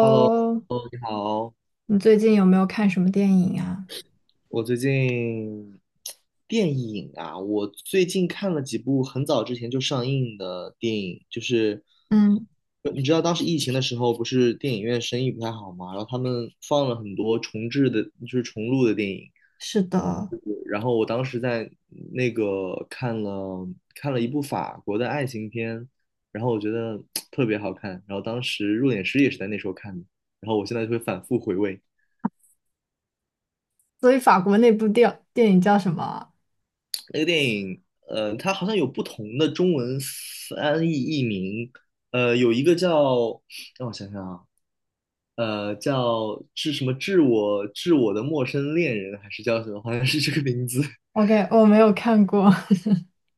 Hello，你好。你最近有没有看什么电影啊？我最近我最近看了几部很早之前就上映的电影，就是嗯，你知道当时疫情的时候，不是电影院生意不太好嘛，然后他们放了很多重制的，就是重录的电影。是的，然后我当时在那个看了一部法国的爱情片，然后我觉得特别好看，然后当时入殓师也是在那时候看的，然后我现在就会反复回味。所以法国那部电影叫什么？ 那个电影，它好像有不同的中文翻译译名，有一个叫，让我想想啊，叫致什么致我的陌生恋人，还是叫什么？好像是这个名字。OK 我没有看过。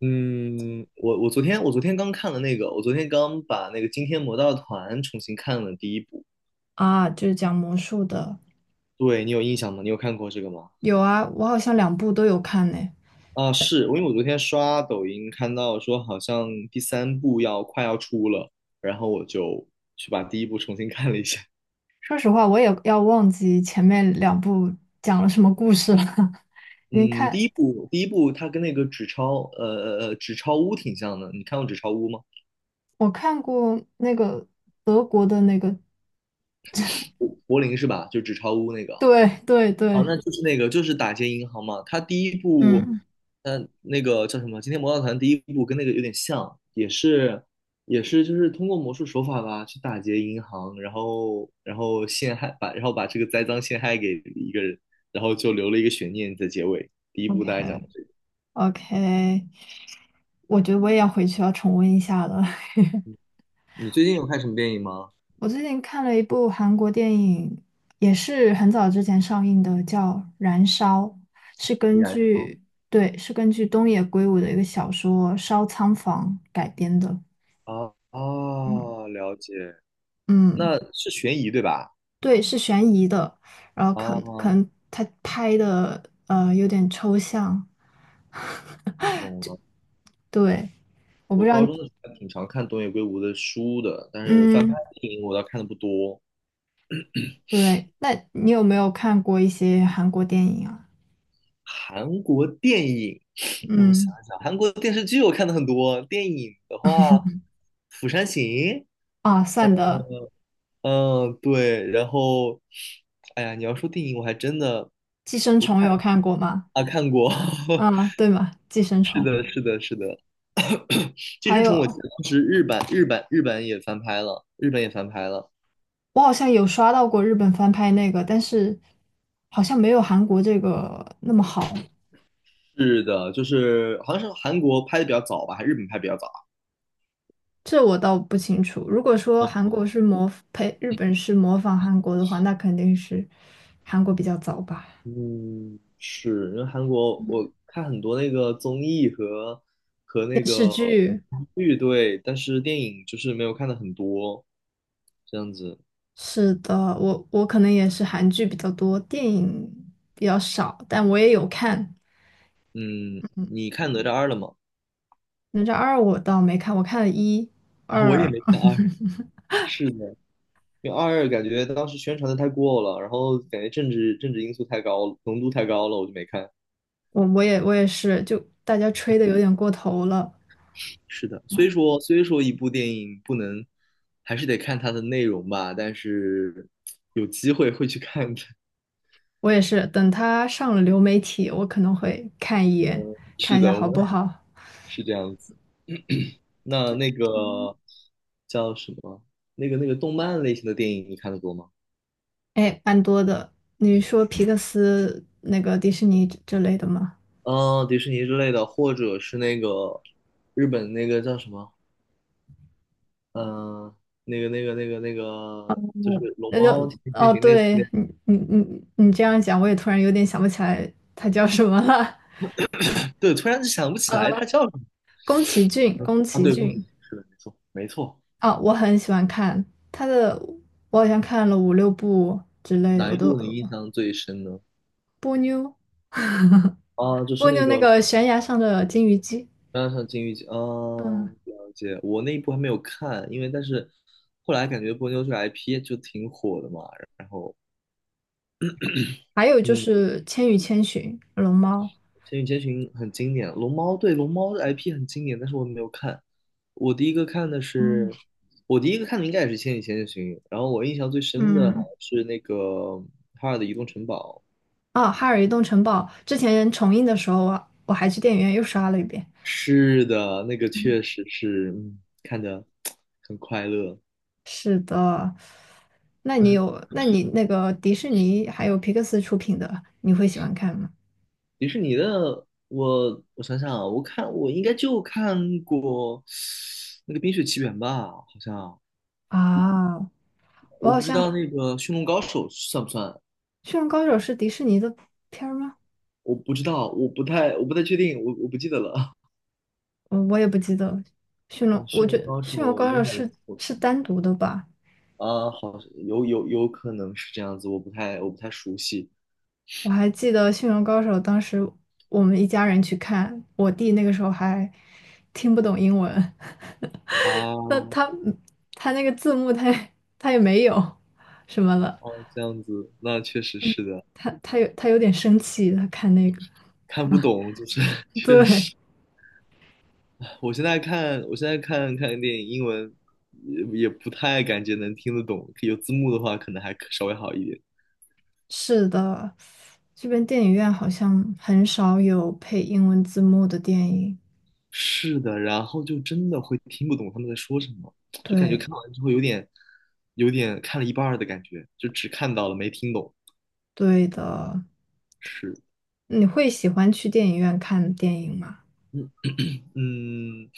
嗯，我昨天刚看了那个，我昨天刚把那个《惊天魔盗团》重新看了第一部。啊，就是讲魔术的。对，你有印象吗？你有看过这个吗？有啊，我好像两部都有看呢。啊，是，因为我昨天刷抖音看到说好像第三部要快要出了，然后我就去把第一部重新看了一下。说实话，我也要忘记前面两部讲了什么故事了。你嗯，第看，一部第一部它跟那个纸钞屋挺像的，你看过纸钞屋吗？我看过那个德国的那个，柏林是吧？就纸钞屋那个。对对哦，对。那就是那个，就是打劫银行嘛。他第一部，嗯，嗯、那个叫什么？今天魔盗团第一部跟那个有点像，也是，也是，就是通过魔术手法吧，去打劫银行，然后，然后陷害，把，然后把这个栽赃陷害给一个人，然后就留了一个悬念在结尾。第一部大概讲的，OK。 这个。OK，我觉得我也要回去要重温一下了。你最近有看什么电影吗？我最近看了一部韩国电影，也是很早之前上映的，叫《燃烧》，是依根然据，对，是根据东野圭吾的一个小说《烧仓房》改编的。啊啊，嗯。哦了解，嗯，那是悬疑对吧？对，是悬疑的，然后可能可啊，能他拍的有点抽象。懂了。对，我不我知道，高中的时候还挺常看东野圭吾的书的，但是翻拍嗯，电影我倒看的不多。对，那你有没有看过一些韩国电影啊？韩国电影，让我想嗯，一想，韩国电视剧我看的很多。电影的话，《釜山行》，啊，算的，嗯，对，然后，哎呀，你要说电影，我还真的《寄生不太虫》有看过吗？啊看过。啊，对嘛，寄生是虫。的，是的，是的，《寄还生虫》我记有，得当时日版也翻拍了，日本也翻拍了。我好像有刷到过日本翻拍那个，但是好像没有韩国这个那么好，是的，就是好像是韩国拍的比较早吧，还是日本拍得比较早。这我倒不清楚。如果说韩国是模呸，日本是模仿韩国的话，那肯定是韩国比较早吧。嗯，是，因为韩国我看很多那个综艺和和电那视个剧。剧，对，但是电影就是没有看的很多，这样子。是的，我可能也是韩剧比较多，电影比较少，但我也有看。嗯，嗯，你看哪吒二了吗？哪吒二我倒没看，我看了一、嗯 我也二、没看二，是的，因为二感觉当时宣传的太过了，然后感觉政治因素太高了，浓度太高了，我就没看。我也是，就大家吹的有点过头了。是的，虽说一部电影不能，还是得看它的内容吧，但是有机会会去看的。我也是，等他上了流媒体，我可能会看一眼，是看一下的，我好们不好。是这样子。那那嗯，个叫什么？那个那个动漫类型的电影你看的多吗？哎，蛮多的。你说皮克斯那个迪士尼之类的吗？嗯、迪士尼之类的，或者是那个日本那个叫什么？嗯、那个，就是龙那就猫奇兵变哦，形那系对列你你这样讲，我也突然有点想不起来他叫什么了。对，突然就想不 起来呃，它叫什么宫崎骏，宫啊？崎对，宫崎骏。骏是的，没错没错。啊，我很喜欢看他的，我好像看了五六部之类的，哪我一都部你印象最深呢？波妞啊，就是蜗那牛那个个悬崖上的金鱼姬，当然上金鱼嗯，哦，了解。我那一部还没有看，因为但是后来感觉波妞这个 IP 就挺火的嘛。然后，还有就嗯，是《千与千寻》龙猫，《千与千寻》很经典，《龙猫》对《龙猫》的 IP 很经典，但是我没有看。我第一个看的是，嗯，我第一个看的应该也是《千与千寻》，然后我印象最深的好嗯，像是那个哈尔的移动城堡。啊，哈尔移动城堡，之前重映的时候啊，我还去电影院又刷了一遍。是的，那个嗯。确实是，嗯，看着很快乐。是的，那你有，那你那个迪士尼还有皮克斯出品的，你会喜欢看吗？迪士尼的，我想想啊，我看我应该就看过那个《冰雪奇缘》吧，好像啊，我我好不知道像那个《驯龙高手》算不算，《驯龙高手》是迪士尼的片儿吗？我不知道，我不太确定，我不记得了。我我也不记得了，《驯 龙》嗯，我《驯龙觉得高手》《驯龙高手》应该是我是单独的吧？啊，好像有可能是这样子，我不太熟悉我还记得《驯龙高手》，当时我们一家人去看，我弟那个时候还听不懂英文，那啊。他他那个字幕他也没有什么了，哦，这样子，那确实是的，他有点生气，他看那个，看不懂就是 确对，实。我现在看，我现在看看电影，英文也也不太感觉能听得懂，有字幕的话可能还可稍微好一点。是的，这边电影院好像很少有配英文字幕的电影，是的，然后就真的会听不懂他们在说什么，就感觉对。看完之后有点看了一半儿的感觉，就只看到了没听懂。对的，是。你会喜欢去电影院看电影吗？嗯，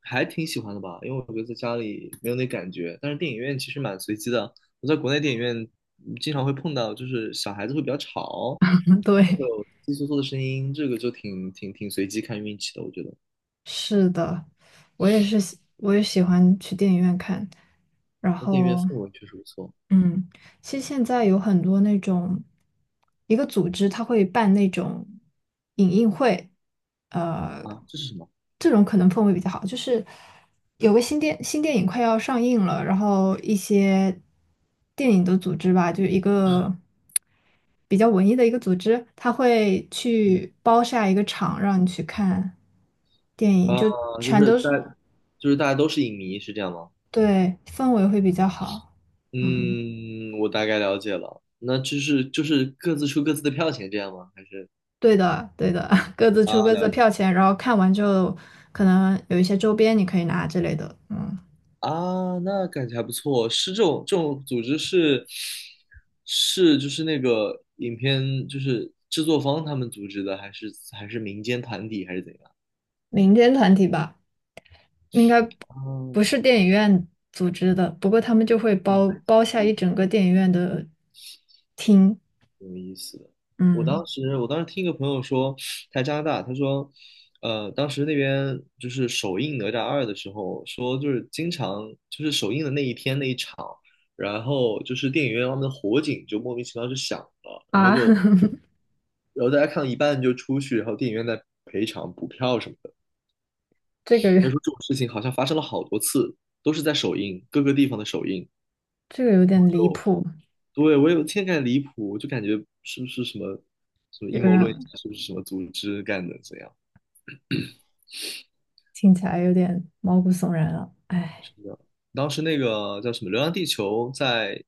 还挺喜欢的吧，因为我觉得在家里没有那感觉。但是电影院其实蛮随机的，我在国内电影院嗯经常会碰到，就是小孩子会比较吵，会对。有窸窸窣窣的声音，这个就挺随机看运气的，我觉得。是的，我也是喜，我也喜欢去电影院看。然那电影院后，氛围确实不错嗯，其实现在有很多那种，一个组织它会办那种影映会，啊，这是什么？这种可能氛围比较好。就是有个新电新电影快要上映了，然后一些电影的组织吧，就一个比较文艺的一个组织，他会嗯，去包下一个场让你去看电影，啊，就就全是都大，是。就是大家都是影迷，是这样吗？对，氛围会比较好。嗯，嗯，我大概了解了。那就是就是各自出各自的票钱这样吗？还是对的，对的，各自啊，出各自的了解。票钱，然后看完之后，可能有一些周边你可以拿之类的。嗯，啊，那感觉还不错。是这种这种组织是是就是那个影片就是制作方他们组织的，还是民间团体还是怎样？民间团体吧，应该哦，不是电影院组织的，不过他们就会那包还包下一挺整个电影院的厅。挺有意思的。我嗯。当时我当时听一个朋友说，他在加拿大，他说，当时那边就是首映《哪吒二》的时候，说就是经常就是首映的那一天那一场，然后就是电影院外面的火警就莫名其妙就响了，然后啊，就然后大家看到一半就出去，然后电影院在赔偿补票什么的。这人个说这种事情好像发生了好多次，都是在首映，各个地方的首映。这个有点离谱，对，我有天感离谱，我就感觉是不是什么什么有阴谋论家，人是不是什么组织干的怎样？听起来有点毛骨悚然了。哎，不知道当时那个叫什么《流浪地球》在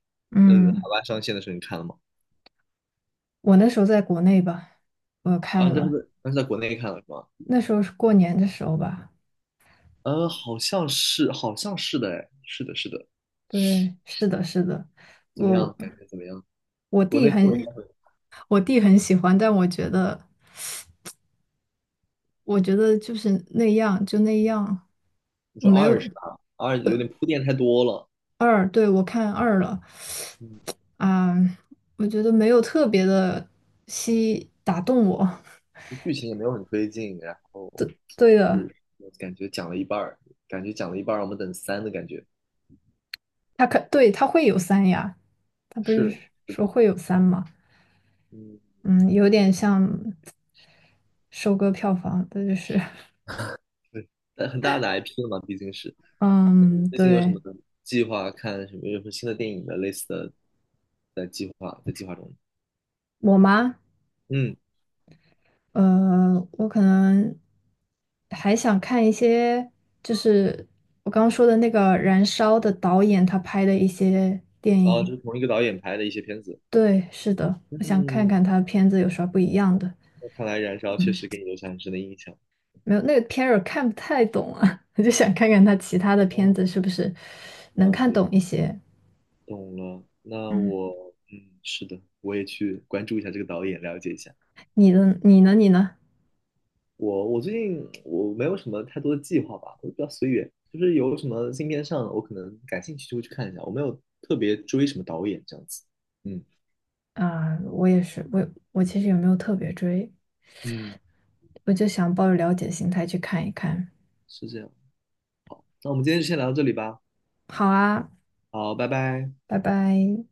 嗯海嗯，外上线的时候，你看了吗？我那时候在国内吧，我看啊，但了。是但是在国内看了是吗？那时候是过年的时候吧？好像是，好像是的，哎，是的，是的。对，是的，是的，怎么我样？感觉怎么样？我国弟内氛围应该很会，我弟很喜欢，但我觉得就是那样就那样，你我说没二是有吧？二有点铺垫太多了。二，对，我看二了。嗯，啊，我觉得没有特别的吸打动我。就剧情也没有很推进，然后对的，是感觉讲了一半儿，感觉讲了一半儿，我们等三的感觉。他可对他会有三呀，他不是是是说的，会有三吗？嗯，嗯，有点像收割票房，的就是。 对，但很大的 IP 了嘛，毕竟是。那嗯，你最近有什对。么计划？看什么？有什么新的电影的类似的在计划中？我妈。嗯，我可能还想看一些，就是我刚刚说的那个《燃烧》的导演他拍的一些电哦，就影。是同一个导演拍的一些片子。对，是的，我想看嗯，看他的片子有啥不一样的。那看来《燃烧》确嗯，实给你留下很深的印象。没有，那个片儿我看不太懂啊，我就想看看他其他的片哦，子是不是能了看解，懂一些。懂了。那嗯，我，嗯，是的，我也去关注一下这个导演，了解一下。你的你呢？你呢？我最近没有什么太多的计划吧，我比较随缘，就是有什么新片上了我可能感兴趣就会去看一下，我没有特别追什么导演这样子。嗯啊，我也是，我我其实也没有特别追，嗯，嗯，我就想抱着了解心态去看一看。是这样。那我们今天就先聊到这里吧，好啊，好，拜拜。拜拜。